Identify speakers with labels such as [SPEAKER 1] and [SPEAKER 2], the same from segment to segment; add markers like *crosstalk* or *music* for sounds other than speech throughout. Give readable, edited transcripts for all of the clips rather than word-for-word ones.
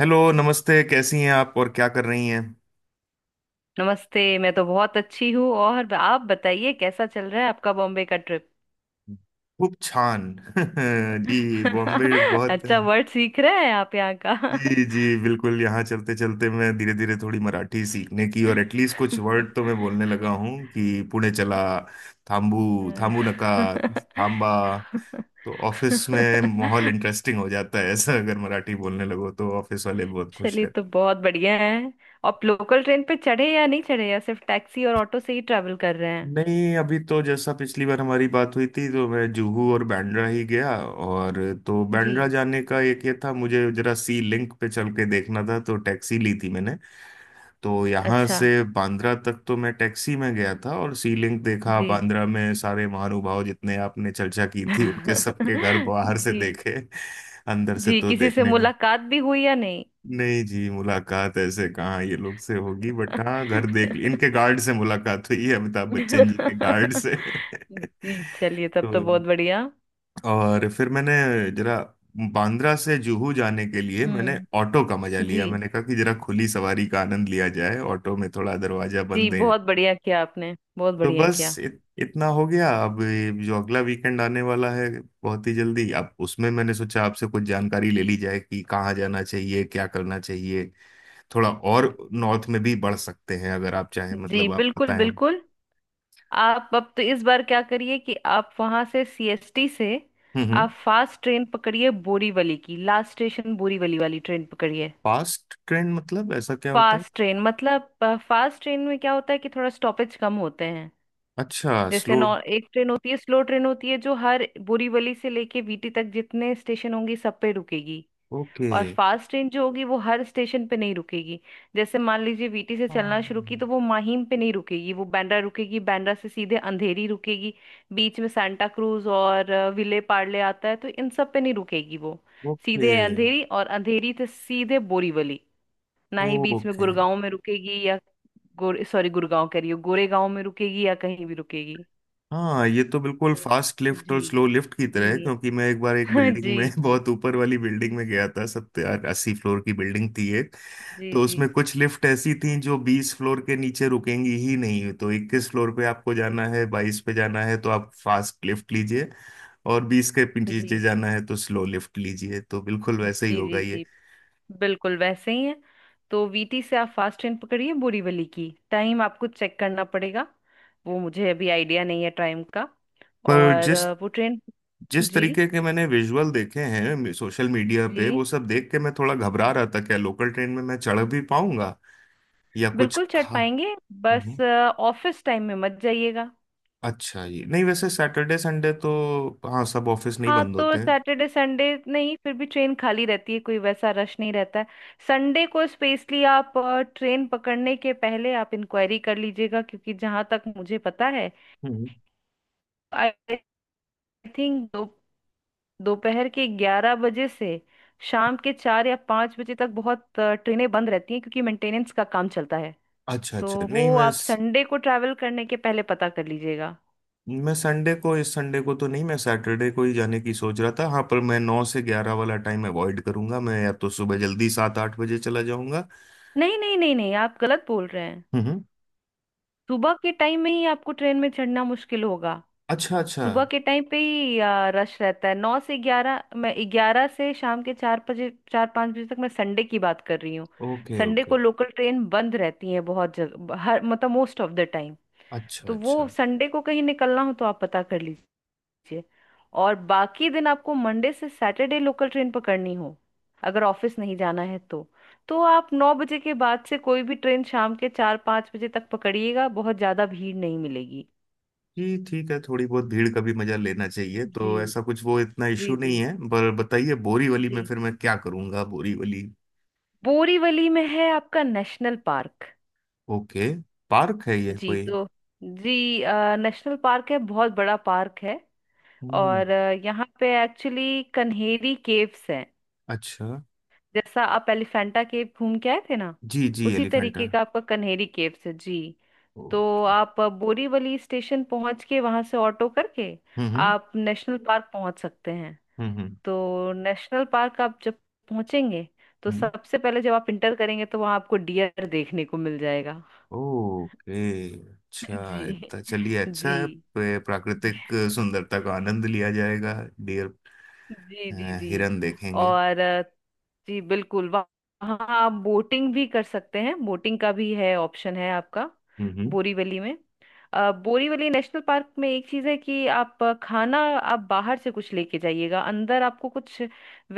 [SPEAKER 1] Hello नमस्ते, कैसी हैं आप और क्या कर रही हैं।
[SPEAKER 2] नमस्ते, मैं तो बहुत अच्छी हूँ। और आप बताइए कैसा चल रहा है आपका बॉम्बे का ट्रिप।
[SPEAKER 1] खूब छान। *laughs* जी बॉम्बे
[SPEAKER 2] *laughs*
[SPEAKER 1] बहुत।
[SPEAKER 2] अच्छा, वर्ड सीख रहे हैं आप यहाँ का।
[SPEAKER 1] जी जी बिल्कुल, यहाँ चलते चलते मैं धीरे धीरे थोड़ी मराठी सीखने की और एटलीस्ट कुछ वर्ड तो मैं बोलने लगा हूँ कि पुणे चला। थाम्बू थाम्बू नका। थाम्बा।
[SPEAKER 2] *laughs*
[SPEAKER 1] तो ऑफिस में माहौल इंटरेस्टिंग हो जाता है ऐसा, अगर मराठी बोलने लगो तो ऑफिस वाले बहुत खुश।
[SPEAKER 2] चलिए, तो बहुत बढ़िया है। आप लोकल ट्रेन पे चढ़े या नहीं चढ़े, या सिर्फ टैक्सी और ऑटो से ही ट्रैवल कर रहे हैं?
[SPEAKER 1] नहीं, अभी तो जैसा पिछली बार हमारी बात हुई थी तो मैं जुहू और बैंड्रा ही गया, और तो
[SPEAKER 2] जी।
[SPEAKER 1] बैंड्रा जाने का एक ये था मुझे जरा सी लिंक पे चल के देखना था, तो टैक्सी ली थी मैंने। तो यहाँ
[SPEAKER 2] अच्छा।
[SPEAKER 1] से बांद्रा तक तो मैं टैक्सी में गया था और सी लिंक देखा,
[SPEAKER 2] जी।
[SPEAKER 1] बांद्रा में सारे महानुभाव जितने आपने चर्चा की थी उनके
[SPEAKER 2] *laughs*
[SPEAKER 1] सबके घर बाहर से
[SPEAKER 2] जी।
[SPEAKER 1] देखे। अंदर से
[SPEAKER 2] जी
[SPEAKER 1] तो
[SPEAKER 2] किसी से
[SPEAKER 1] देखने।
[SPEAKER 2] मुलाकात भी हुई या नहीं?
[SPEAKER 1] नहीं जी, मुलाकात ऐसे कहाँ ये लोग से होगी, बट हाँ घर देख ली, इनके
[SPEAKER 2] *laughs*
[SPEAKER 1] गार्ड से मुलाकात हुई है, अमिताभ
[SPEAKER 2] जी।
[SPEAKER 1] बच्चन जी के गार्ड से
[SPEAKER 2] चलिए,
[SPEAKER 1] *laughs*
[SPEAKER 2] तब तो
[SPEAKER 1] तो।
[SPEAKER 2] बहुत बढ़िया।
[SPEAKER 1] और फिर मैंने जरा बांद्रा से जुहू जाने के लिए मैंने
[SPEAKER 2] हम्म।
[SPEAKER 1] ऑटो का मजा लिया,
[SPEAKER 2] जी।
[SPEAKER 1] मैंने कहा कि जरा खुली सवारी का आनंद लिया जाए, ऑटो में थोड़ा दरवाजा
[SPEAKER 2] जी
[SPEAKER 1] बंद है।
[SPEAKER 2] बहुत बढ़िया किया आपने, बहुत
[SPEAKER 1] तो
[SPEAKER 2] बढ़िया
[SPEAKER 1] बस
[SPEAKER 2] किया।
[SPEAKER 1] इतना हो गया। अब ये जो अगला वीकेंड आने वाला है बहुत ही जल्दी, अब उसमें मैंने सोचा आपसे कुछ जानकारी ले ली जाए कि कहाँ जाना चाहिए क्या करना चाहिए। थोड़ा और नॉर्थ में भी बढ़ सकते हैं अगर आप चाहें,
[SPEAKER 2] जी
[SPEAKER 1] मतलब आप
[SPEAKER 2] बिल्कुल
[SPEAKER 1] बताएं।
[SPEAKER 2] बिल्कुल। आप अब तो इस बार क्या करिए कि आप वहां से सीएसटी से
[SPEAKER 1] हम्म।
[SPEAKER 2] आप फास्ट ट्रेन पकड़िए बोरीवली की। लास्ट स्टेशन बोरीवली वाली ट्रेन पकड़िए।
[SPEAKER 1] फास्ट ट्रेंड मतलब ऐसा क्या होता है?
[SPEAKER 2] फास्ट ट्रेन मतलब फास्ट ट्रेन में क्या होता है कि थोड़ा स्टॉपेज कम होते हैं।
[SPEAKER 1] अच्छा,
[SPEAKER 2] जैसे
[SPEAKER 1] स्लो।
[SPEAKER 2] नॉ एक ट्रेन होती है, स्लो ट्रेन होती है, जो हर बोरीवली से लेके वीटी तक जितने स्टेशन होंगे सब पे रुकेगी।
[SPEAKER 1] ओके।
[SPEAKER 2] और फास्ट ट्रेन जो होगी वो हर स्टेशन पे नहीं रुकेगी। जैसे मान लीजिए, वीटी से चलना
[SPEAKER 1] हाँ।
[SPEAKER 2] शुरू की तो वो माहिम पे नहीं रुकेगी, वो बांद्रा रुकेगी। बांद्रा से सीधे अंधेरी रुकेगी। बीच में सांता क्रूज और विले पार्ले आता है, तो इन सब पे नहीं रुकेगी वो।
[SPEAKER 1] ओके
[SPEAKER 2] सीधे अंधेरी, और अंधेरी से सीधे बोरीवली। ना ही बीच में
[SPEAKER 1] ओके।
[SPEAKER 2] गुड़गांव में रुकेगी, या गोरे, सॉरी, गुड़गांव कह रही हूँ, गोरेगांव में रुकेगी या कहीं भी रुकेगी।
[SPEAKER 1] हाँ, ये तो बिल्कुल फास्ट
[SPEAKER 2] तो
[SPEAKER 1] लिफ्ट
[SPEAKER 2] जी।
[SPEAKER 1] और स्लो लिफ्ट की तरह
[SPEAKER 2] जी।
[SPEAKER 1] है। क्योंकि मैं एक बार एक
[SPEAKER 2] *laughs*
[SPEAKER 1] बिल्डिंग
[SPEAKER 2] जी
[SPEAKER 1] में *laughs* बहुत ऊपर वाली बिल्डिंग में गया था, 70-80 फ्लोर की बिल्डिंग थी एक।
[SPEAKER 2] जी
[SPEAKER 1] तो
[SPEAKER 2] जी
[SPEAKER 1] उसमें कुछ लिफ्ट ऐसी थी जो 20 फ्लोर के नीचे रुकेंगी ही नहीं, तो 21 फ्लोर पे आपको जाना है, 22 पे जाना है तो आप फास्ट लिफ्ट लीजिए, और 20 के
[SPEAKER 2] जी
[SPEAKER 1] नीचे
[SPEAKER 2] जी
[SPEAKER 1] जाना है तो स्लो लिफ्ट लीजिए, तो बिल्कुल वैसे ही
[SPEAKER 2] जी
[SPEAKER 1] होगा
[SPEAKER 2] जी।
[SPEAKER 1] ये।
[SPEAKER 2] जी बिल्कुल वैसे ही है। तो वीटी से आप फास्ट ट्रेन पकड़िए बोरीवली की। टाइम आपको चेक करना पड़ेगा, वो मुझे अभी आइडिया नहीं है टाइम का।
[SPEAKER 1] पर
[SPEAKER 2] और
[SPEAKER 1] जिस
[SPEAKER 2] वो ट्रेन।
[SPEAKER 1] जिस
[SPEAKER 2] जी
[SPEAKER 1] तरीके के मैंने विजुअल देखे हैं सोशल मीडिया
[SPEAKER 2] जी
[SPEAKER 1] पे, वो सब देख के मैं थोड़ा
[SPEAKER 2] जी।
[SPEAKER 1] घबरा
[SPEAKER 2] जी
[SPEAKER 1] रहा था, क्या लोकल ट्रेन में मैं चढ़ भी पाऊंगा या कुछ
[SPEAKER 2] बिल्कुल चढ़
[SPEAKER 1] खा।
[SPEAKER 2] पाएंगे। बस
[SPEAKER 1] हम्म,
[SPEAKER 2] ऑफिस टाइम में मत जाइएगा।
[SPEAKER 1] अच्छा ये नहीं, वैसे सैटरडे संडे तो। हाँ, सब ऑफिस नहीं
[SPEAKER 2] हाँ,
[SPEAKER 1] बंद
[SPEAKER 2] तो
[SPEAKER 1] होते हैं।
[SPEAKER 2] सैटरडे संडे नहीं, फिर भी ट्रेन खाली रहती है, कोई वैसा रश नहीं रहता है। संडे को स्पेशली आप ट्रेन पकड़ने के पहले आप इंक्वायरी कर लीजिएगा, क्योंकि जहाँ तक मुझे पता है,
[SPEAKER 1] हम्म।
[SPEAKER 2] आई थिंक दोपहर के 11 बजे से शाम के 4 या 5 बजे तक बहुत ट्रेनें बंद रहती हैं, क्योंकि मेंटेनेंस का काम चलता है।
[SPEAKER 1] अच्छा
[SPEAKER 2] तो
[SPEAKER 1] अच्छा, नहीं
[SPEAKER 2] वो आप संडे को ट्रैवल करने के पहले पता कर लीजिएगा।
[SPEAKER 1] मैं संडे को, इस संडे को तो नहीं, मैं सैटरडे को ही जाने की सोच रहा था। हाँ, पर मैं 9 से 11 वाला टाइम अवॉइड करूंगा, मैं या तो सुबह जल्दी 7-8 बजे चला जाऊंगा।
[SPEAKER 2] नहीं नहीं नहीं नहीं, आप गलत बोल रहे हैं।
[SPEAKER 1] हम्म।
[SPEAKER 2] सुबह के टाइम में ही आपको ट्रेन में चढ़ना मुश्किल होगा।
[SPEAKER 1] अच्छा अच्छा।
[SPEAKER 2] सुबह के टाइम पे ही रश रहता है, 9 से 11। मैं 11 से शाम के 4 बजे, 4-5 बजे तक, मैं संडे की बात कर रही हूँ।
[SPEAKER 1] Okay
[SPEAKER 2] Sunday
[SPEAKER 1] okay.
[SPEAKER 2] को लोकल ट्रेन बंद रहती है बहुत जगह, हर मतलब, मोस्ट ऑफ द टाइम।
[SPEAKER 1] अच्छा
[SPEAKER 2] तो वो
[SPEAKER 1] अच्छा।
[SPEAKER 2] संडे को कहीं निकलना हो तो आप पता कर लीजिए। और बाकी दिन आपको मंडे से सैटरडे लोकल ट्रेन पकड़नी हो, अगर ऑफिस नहीं जाना है तो आप 9 बजे के बाद से कोई भी ट्रेन शाम के 4-5 बजे तक पकड़िएगा, बहुत ज्यादा भीड़ नहीं मिलेगी।
[SPEAKER 1] जी ठीक है, थोड़ी बहुत भीड़ का भी मजा लेना चाहिए, तो
[SPEAKER 2] जी।
[SPEAKER 1] ऐसा कुछ वो इतना
[SPEAKER 2] जी
[SPEAKER 1] इश्यू नहीं
[SPEAKER 2] जी
[SPEAKER 1] है। पर बताइए, बोरीवली में
[SPEAKER 2] जी।
[SPEAKER 1] फिर मैं क्या करूंगा बोरीवली?
[SPEAKER 2] बोरीवली में है आपका नेशनल पार्क।
[SPEAKER 1] ओके। पार्क है ये
[SPEAKER 2] जी
[SPEAKER 1] कोई?
[SPEAKER 2] तो जी नेशनल पार्क है, बहुत बड़ा पार्क है।
[SPEAKER 1] हम्म।
[SPEAKER 2] और यहाँ पे एक्चुअली कन्हेरी केव्स हैं।
[SPEAKER 1] अच्छा।
[SPEAKER 2] जैसा आप एलिफेंटा केव घूम के आए थे ना,
[SPEAKER 1] जी जी,
[SPEAKER 2] उसी
[SPEAKER 1] एलिफेंटा।
[SPEAKER 2] तरीके का आपका कन्हेरी केव्स है जी। तो
[SPEAKER 1] ओके।
[SPEAKER 2] आप बोरीवली स्टेशन पहुंच के वहां से ऑटो करके
[SPEAKER 1] हम्म।
[SPEAKER 2] आप नेशनल पार्क पहुंच सकते हैं।
[SPEAKER 1] हम्म।
[SPEAKER 2] तो नेशनल पार्क आप जब पहुंचेंगे, तो
[SPEAKER 1] हम्म।
[SPEAKER 2] सबसे पहले जब आप इंटर करेंगे तो वहां आपको डियर देखने को मिल जाएगा।
[SPEAKER 1] ओके।
[SPEAKER 2] *laughs*
[SPEAKER 1] अच्छा,
[SPEAKER 2] जी
[SPEAKER 1] इतना चलिए अच्छा
[SPEAKER 2] जी
[SPEAKER 1] है,
[SPEAKER 2] जी
[SPEAKER 1] प्राकृतिक सुंदरता का आनंद लिया जाएगा। डियर।
[SPEAKER 2] जी
[SPEAKER 1] अ,
[SPEAKER 2] जी जी।
[SPEAKER 1] हिरन देखेंगे।
[SPEAKER 2] और जी बिल्कुल, वहाँ आप बोटिंग भी कर सकते हैं, बोटिंग का भी है, ऑप्शन है आपका
[SPEAKER 1] हम्म।
[SPEAKER 2] बोरीवली में। बोरीवली नेशनल पार्क में एक चीज़ है कि आप खाना आप बाहर से कुछ लेके जाइएगा, अंदर आपको कुछ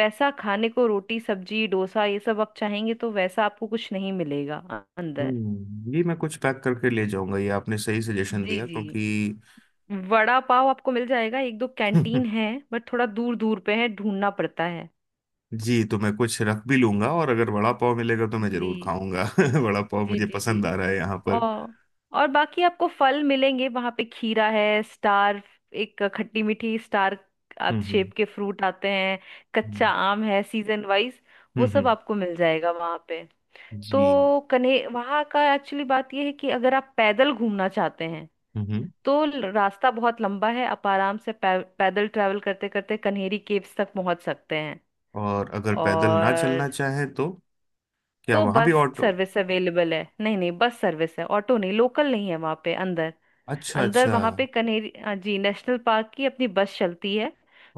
[SPEAKER 2] वैसा खाने को, रोटी सब्जी डोसा ये सब आप चाहेंगे तो वैसा आपको कुछ नहीं मिलेगा अंदर।
[SPEAKER 1] ये मैं कुछ पैक करके ले जाऊंगा, ये आपने सही सजेशन
[SPEAKER 2] जी
[SPEAKER 1] दिया
[SPEAKER 2] जी।
[SPEAKER 1] क्योंकि।
[SPEAKER 2] वड़ा पाव आपको मिल जाएगा, एक दो कैंटीन
[SPEAKER 1] *laughs*
[SPEAKER 2] है। बट थोड़ा दूर दूर पे है, ढूंढना पड़ता है।
[SPEAKER 1] जी तो मैं कुछ रख भी लूंगा, और अगर वड़ा पाव मिलेगा तो मैं जरूर
[SPEAKER 2] जी
[SPEAKER 1] खाऊंगा *laughs* वड़ा पाव
[SPEAKER 2] जी
[SPEAKER 1] मुझे
[SPEAKER 2] जी जी।
[SPEAKER 1] पसंद आ रहा है यहाँ पर।
[SPEAKER 2] और और बाकी आपको फल मिलेंगे वहां पे। खीरा है, स्टार, एक खट्टी मीठी स्टार
[SPEAKER 1] हम्म।
[SPEAKER 2] शेप के फ्रूट आते हैं।
[SPEAKER 1] हम्म
[SPEAKER 2] कच्चा आम है सीजन वाइज। वो
[SPEAKER 1] हम्म।
[SPEAKER 2] सब
[SPEAKER 1] हम्म।
[SPEAKER 2] आपको मिल जाएगा वहां पे।
[SPEAKER 1] जी।
[SPEAKER 2] तो कन्हे वहां का एक्चुअली बात यह है कि अगर आप पैदल घूमना चाहते हैं
[SPEAKER 1] हम्म।
[SPEAKER 2] तो रास्ता बहुत लंबा है। आप आराम से पैदल ट्रैवल करते करते कन्हेरी केव्स तक पहुंच सकते हैं।
[SPEAKER 1] और अगर पैदल ना चलना
[SPEAKER 2] और
[SPEAKER 1] चाहे तो क्या
[SPEAKER 2] तो
[SPEAKER 1] वहां भी
[SPEAKER 2] बस
[SPEAKER 1] ऑटो?
[SPEAKER 2] सर्विस अवेलेबल है। नहीं नहीं, बस सर्विस है, ऑटो नहीं, लोकल नहीं है वहां पे अंदर।
[SPEAKER 1] अच्छा
[SPEAKER 2] अंदर
[SPEAKER 1] अच्छा।
[SPEAKER 2] वहां पे कन्हेरी, हाँ जी, नेशनल पार्क की अपनी बस चलती है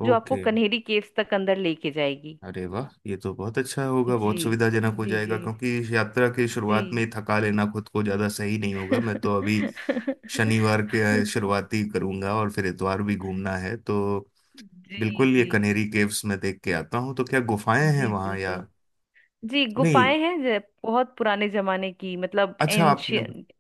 [SPEAKER 2] जो आपको
[SPEAKER 1] ओके।
[SPEAKER 2] कन्हेरी केव्स तक अंदर लेके जाएगी।
[SPEAKER 1] अरे वाह, ये तो बहुत अच्छा होगा,
[SPEAKER 2] जी
[SPEAKER 1] बहुत सुविधाजनक हो
[SPEAKER 2] जी
[SPEAKER 1] जाएगा।
[SPEAKER 2] जी
[SPEAKER 1] क्योंकि इस यात्रा की
[SPEAKER 2] जी
[SPEAKER 1] शुरुआत में ही थका लेना खुद को ज्यादा सही नहीं होगा,
[SPEAKER 2] *laughs*
[SPEAKER 1] मैं तो अभी शनिवार के शुरुआती करूंगा और फिर इतवार भी घूमना है तो।
[SPEAKER 2] जी
[SPEAKER 1] बिल्कुल, ये
[SPEAKER 2] जी
[SPEAKER 1] कनेरी केव्स में देख के आता हूँ, तो क्या गुफाएं हैं
[SPEAKER 2] जी
[SPEAKER 1] वहां या?
[SPEAKER 2] बिल्कुल। जी
[SPEAKER 1] नहीं,
[SPEAKER 2] गुफाएं हैं, बहुत पुराने जमाने की, मतलब
[SPEAKER 1] अच्छा आपने,
[SPEAKER 2] एंशियंट।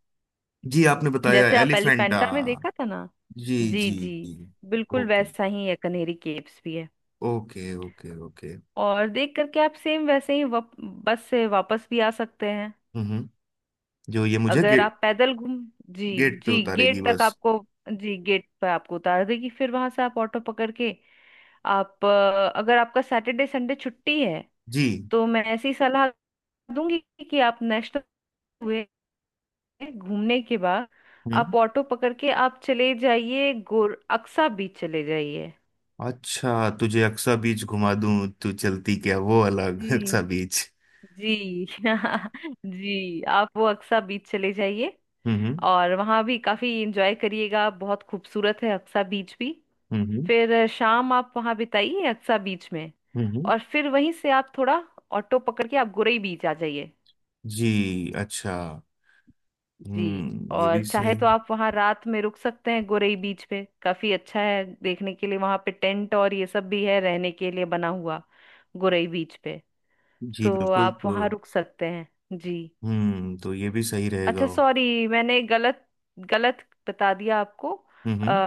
[SPEAKER 1] जी आपने बताया
[SPEAKER 2] जैसे आप
[SPEAKER 1] एलिफेंटा।
[SPEAKER 2] एलिफेंटा में देखा था ना,
[SPEAKER 1] जी।
[SPEAKER 2] जी
[SPEAKER 1] जी।
[SPEAKER 2] जी
[SPEAKER 1] जी
[SPEAKER 2] बिल्कुल
[SPEAKER 1] ओके
[SPEAKER 2] वैसा ही है कनेरी केव्स भी है।
[SPEAKER 1] Okay okay. ओके।
[SPEAKER 2] और देख करके आप सेम वैसे ही बस से वापस भी आ सकते हैं।
[SPEAKER 1] हम्म हम्म। जो ये मुझे
[SPEAKER 2] अगर
[SPEAKER 1] गेट
[SPEAKER 2] आप पैदल घूम, जी,
[SPEAKER 1] गेट पे
[SPEAKER 2] जी
[SPEAKER 1] उतारेगी
[SPEAKER 2] गेट तक
[SPEAKER 1] बस?
[SPEAKER 2] आपको, जी गेट पर आपको उतार देगी, फिर वहां से आप ऑटो पकड़ के। आप अगर आपका सैटरडे संडे छुट्टी है
[SPEAKER 1] जी।
[SPEAKER 2] तो मैं ऐसी सलाह दूंगी कि आप नेशनल हुए घूमने के बाद आप
[SPEAKER 1] हम्म।
[SPEAKER 2] ऑटो पकड़ के आप चले जाइए, गोर अक्सा बीच चले जाइए।
[SPEAKER 1] अच्छा, तुझे अक्सा बीच घुमा दूं, तू चलती क्या वो अलग *laughs*
[SPEAKER 2] जी
[SPEAKER 1] अक्सा बीच।
[SPEAKER 2] जी *laughs* जी। आप वो अक्सा बीच चले जाइए,
[SPEAKER 1] हम्म।
[SPEAKER 2] और वहां भी काफी एंजॉय करिएगा, बहुत खूबसूरत है अक्सा बीच भी।
[SPEAKER 1] हम्म।
[SPEAKER 2] फिर शाम आप वहां बिताइए अक्सा बीच में।
[SPEAKER 1] हम्म।
[SPEAKER 2] और फिर वहीं से आप थोड़ा ऑटो पकड़ के आप गुरई बीच आ जाइए।
[SPEAKER 1] जी, अच्छा।
[SPEAKER 2] जी।
[SPEAKER 1] हम्म, ये भी
[SPEAKER 2] और चाहे
[SPEAKER 1] सही।
[SPEAKER 2] तो आप वहां रात में रुक सकते हैं गुरई बीच पे, काफी अच्छा है देखने के लिए। वहां पे टेंट और ये सब भी है रहने के लिए बना हुआ गुरई बीच पे।
[SPEAKER 1] जी
[SPEAKER 2] तो
[SPEAKER 1] बिल्कुल
[SPEAKER 2] आप
[SPEAKER 1] तो।
[SPEAKER 2] वहां रुक सकते हैं। जी।
[SPEAKER 1] हम्म, तो ये भी सही रहेगा
[SPEAKER 2] अच्छा
[SPEAKER 1] वो।
[SPEAKER 2] सॉरी, मैंने गलत गलत बता दिया आपको।
[SPEAKER 1] हम्म हम्म।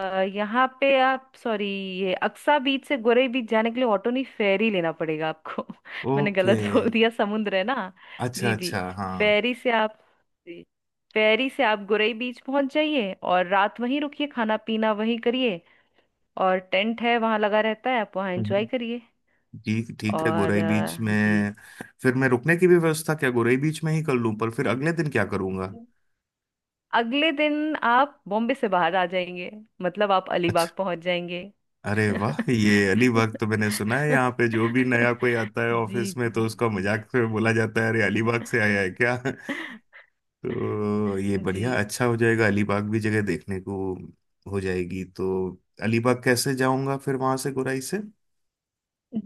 [SPEAKER 2] अ, यहाँ पे आप, सॉरी, ये अक्सा बीच से गोरे बीच जाने के लिए ऑटो नहीं, फेरी लेना पड़ेगा आपको। *laughs* मैंने
[SPEAKER 1] ओके।
[SPEAKER 2] गलत बोल दिया, समुद्र है ना।
[SPEAKER 1] अच्छा
[SPEAKER 2] जी जी।
[SPEAKER 1] अच्छा, हाँ।
[SPEAKER 2] फेरी से आप, जी, फेरी से आप गोरे बीच पहुंच जाइए, और रात वहीं रुकिए, खाना पीना वहीं करिए, और टेंट है वहां लगा रहता है, आप वहां एंजॉय
[SPEAKER 1] हम्म।
[SPEAKER 2] करिए।
[SPEAKER 1] जी ठीक है,
[SPEAKER 2] और
[SPEAKER 1] गोराई बीच में
[SPEAKER 2] जी
[SPEAKER 1] फिर मैं रुकने की भी व्यवस्था क्या गोराई बीच में ही कर लूं, पर फिर अगले दिन क्या करूंगा?
[SPEAKER 2] अगले दिन आप बॉम्बे से बाहर आ जाएंगे, मतलब आप अलीबाग
[SPEAKER 1] अच्छा।
[SPEAKER 2] पहुंच जाएंगे।
[SPEAKER 1] अरे वाह, ये अलीबाग, तो मैंने
[SPEAKER 2] *laughs*
[SPEAKER 1] सुना है यहाँ पे जो भी नया कोई आता है
[SPEAKER 2] जी
[SPEAKER 1] ऑफिस में तो उसका
[SPEAKER 2] जी
[SPEAKER 1] मजाक में बोला जाता है, अरे अलीबाग से आया है क्या *laughs* तो ये
[SPEAKER 2] जी।
[SPEAKER 1] बढ़िया, अच्छा हो जाएगा, अलीबाग भी जगह देखने को हो जाएगी तो। अलीबाग कैसे जाऊंगा फिर वहां से, गुराई से?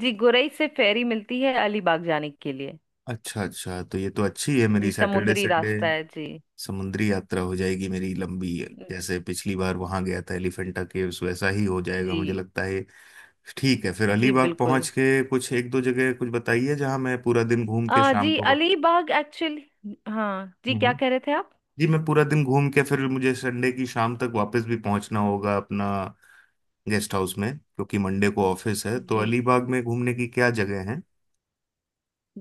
[SPEAKER 2] जी गुरई से फेरी मिलती है अलीबाग जाने के लिए।
[SPEAKER 1] अच्छा अच्छा, तो ये तो अच्छी है मेरी,
[SPEAKER 2] जी
[SPEAKER 1] सैटरडे
[SPEAKER 2] समुद्री
[SPEAKER 1] संडे
[SPEAKER 2] रास्ता है जी।
[SPEAKER 1] समुद्री यात्रा हो जाएगी मेरी लंबी, जैसे पिछली बार वहां गया था एलिफेंटा केव्स, वैसा ही हो जाएगा
[SPEAKER 2] जी
[SPEAKER 1] मुझे लगता है। ठीक है, फिर
[SPEAKER 2] जी
[SPEAKER 1] अलीबाग
[SPEAKER 2] बिल्कुल।
[SPEAKER 1] पहुंच के कुछ एक दो जगह कुछ बताइए जहां मैं पूरा दिन घूम
[SPEAKER 2] आ
[SPEAKER 1] के
[SPEAKER 2] जी
[SPEAKER 1] शाम को।
[SPEAKER 2] अलीबाग एक्चुअली, हाँ जी, क्या
[SPEAKER 1] हम्म।
[SPEAKER 2] कह रहे थे आप?
[SPEAKER 1] जी मैं पूरा दिन घूम के फिर मुझे संडे की शाम तक वापस भी पहुंचना होगा अपना गेस्ट हाउस में, क्योंकि मंडे को ऑफिस है। तो
[SPEAKER 2] जी। जी
[SPEAKER 1] अलीबाग में घूमने की क्या जगह है?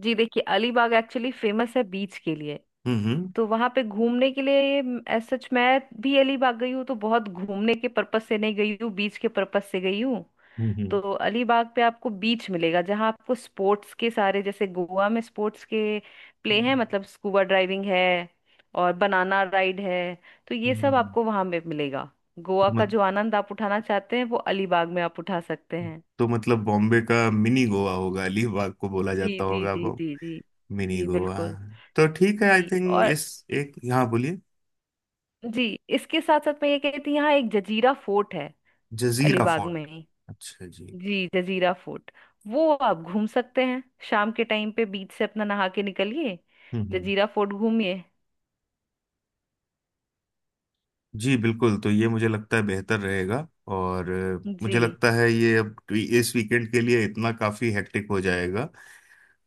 [SPEAKER 2] जी देखिए, अलीबाग एक्चुअली फेमस है बीच के लिए।
[SPEAKER 1] हम्म
[SPEAKER 2] तो वहां पे घूमने के लिए, एज सच मैं भी अलीबाग गई हूँ तो बहुत घूमने के पर्पस से नहीं गई हूँ, बीच के पर्पस से गई हूँ।
[SPEAKER 1] हम्म।
[SPEAKER 2] तो अलीबाग पे आपको बीच मिलेगा, जहाँ आपको स्पोर्ट्स के सारे, जैसे गोवा में स्पोर्ट्स के प्ले
[SPEAKER 1] हम्म
[SPEAKER 2] हैं, मतलब स्कूबा ड्राइविंग है और बनाना राइड है। तो ये सब
[SPEAKER 1] हम्म।
[SPEAKER 2] आपको वहां में मिलेगा। गोवा
[SPEAKER 1] तो
[SPEAKER 2] का
[SPEAKER 1] मत
[SPEAKER 2] जो आनंद आप उठाना चाहते हैं वो अलीबाग में आप उठा सकते हैं।
[SPEAKER 1] तो मतलब बॉम्बे का मिनी गोवा होगा, अलीबाग को बोला
[SPEAKER 2] जी
[SPEAKER 1] जाता
[SPEAKER 2] जी
[SPEAKER 1] होगा
[SPEAKER 2] जी
[SPEAKER 1] वो,
[SPEAKER 2] जी जी।
[SPEAKER 1] मिनी
[SPEAKER 2] जी
[SPEAKER 1] गोवा।
[SPEAKER 2] बिल्कुल।
[SPEAKER 1] तो ठीक है, आई
[SPEAKER 2] जी
[SPEAKER 1] थिंक
[SPEAKER 2] और
[SPEAKER 1] इस एक यहाँ बोलिए।
[SPEAKER 2] जी, इसके साथ साथ मैं ये कहती, यहाँ एक जजीरा फोर्ट है
[SPEAKER 1] जजीरा
[SPEAKER 2] अलीबाग में
[SPEAKER 1] फोर्ट?
[SPEAKER 2] ही।
[SPEAKER 1] अच्छा जी।
[SPEAKER 2] जी जजीरा फोर्ट, वो आप घूम सकते हैं। शाम के टाइम पे बीच से अपना नहा के निकलिए,
[SPEAKER 1] हम्म।
[SPEAKER 2] जजीरा फोर्ट घूमिए।
[SPEAKER 1] जी बिल्कुल, तो ये मुझे लगता है बेहतर रहेगा। और
[SPEAKER 2] जी
[SPEAKER 1] मुझे लगता है ये अब इस वीकेंड के लिए इतना काफी हेक्टिक हो जाएगा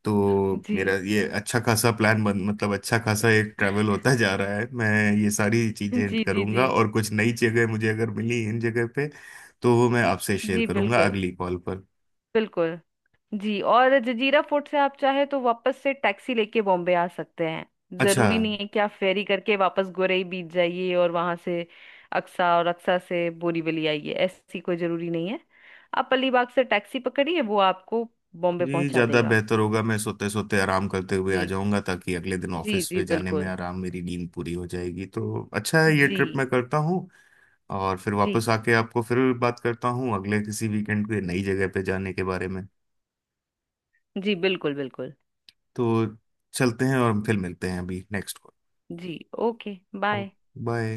[SPEAKER 1] तो। मेरा
[SPEAKER 2] जी
[SPEAKER 1] ये अच्छा खासा प्लान बन, मतलब अच्छा खासा एक ट्रैवल होता जा रहा है। मैं ये सारी चीजें
[SPEAKER 2] जी जी। जी
[SPEAKER 1] करूंगा, और कुछ नई जगह मुझे अगर मिली इन जगह पे तो वो मैं आपसे शेयर
[SPEAKER 2] जी
[SPEAKER 1] करूंगा
[SPEAKER 2] बिल्कुल
[SPEAKER 1] अगली कॉल पर।
[SPEAKER 2] बिल्कुल। जी और जजीरा फोर्ट से आप चाहे तो वापस से टैक्सी लेके बॉम्बे आ सकते हैं।
[SPEAKER 1] अच्छा।
[SPEAKER 2] जरूरी नहीं है कि आप फेरी करके वापस गोरई बीच जाइए और वहां से अक्सा, और अक्सा से बोरीवली आइए, ऐसी कोई जरूरी नहीं है। आप अलीबाग से टैक्सी पकड़िए, वो आपको बॉम्बे
[SPEAKER 1] जी,
[SPEAKER 2] पहुंचा
[SPEAKER 1] ज़्यादा
[SPEAKER 2] देगा।
[SPEAKER 1] बेहतर होगा मैं सोते सोते आराम करते हुए आ
[SPEAKER 2] जी
[SPEAKER 1] जाऊंगा, ताकि अगले दिन
[SPEAKER 2] जी
[SPEAKER 1] ऑफिस
[SPEAKER 2] जी
[SPEAKER 1] पे जाने में
[SPEAKER 2] बिल्कुल।
[SPEAKER 1] आराम, मेरी नींद पूरी हो जाएगी, तो अच्छा है, ये
[SPEAKER 2] जी
[SPEAKER 1] ट्रिप मैं करता हूँ। और फिर
[SPEAKER 2] जी।
[SPEAKER 1] वापस आके आपको फिर बात करता हूँ अगले किसी वीकेंड पे नई जगह पे जाने के बारे में।
[SPEAKER 2] जी बिल्कुल बिल्कुल।
[SPEAKER 1] तो चलते हैं और फिर मिलते हैं अभी नेक्स्ट
[SPEAKER 2] जी। Okay,
[SPEAKER 1] call.
[SPEAKER 2] बाय।
[SPEAKER 1] बाय।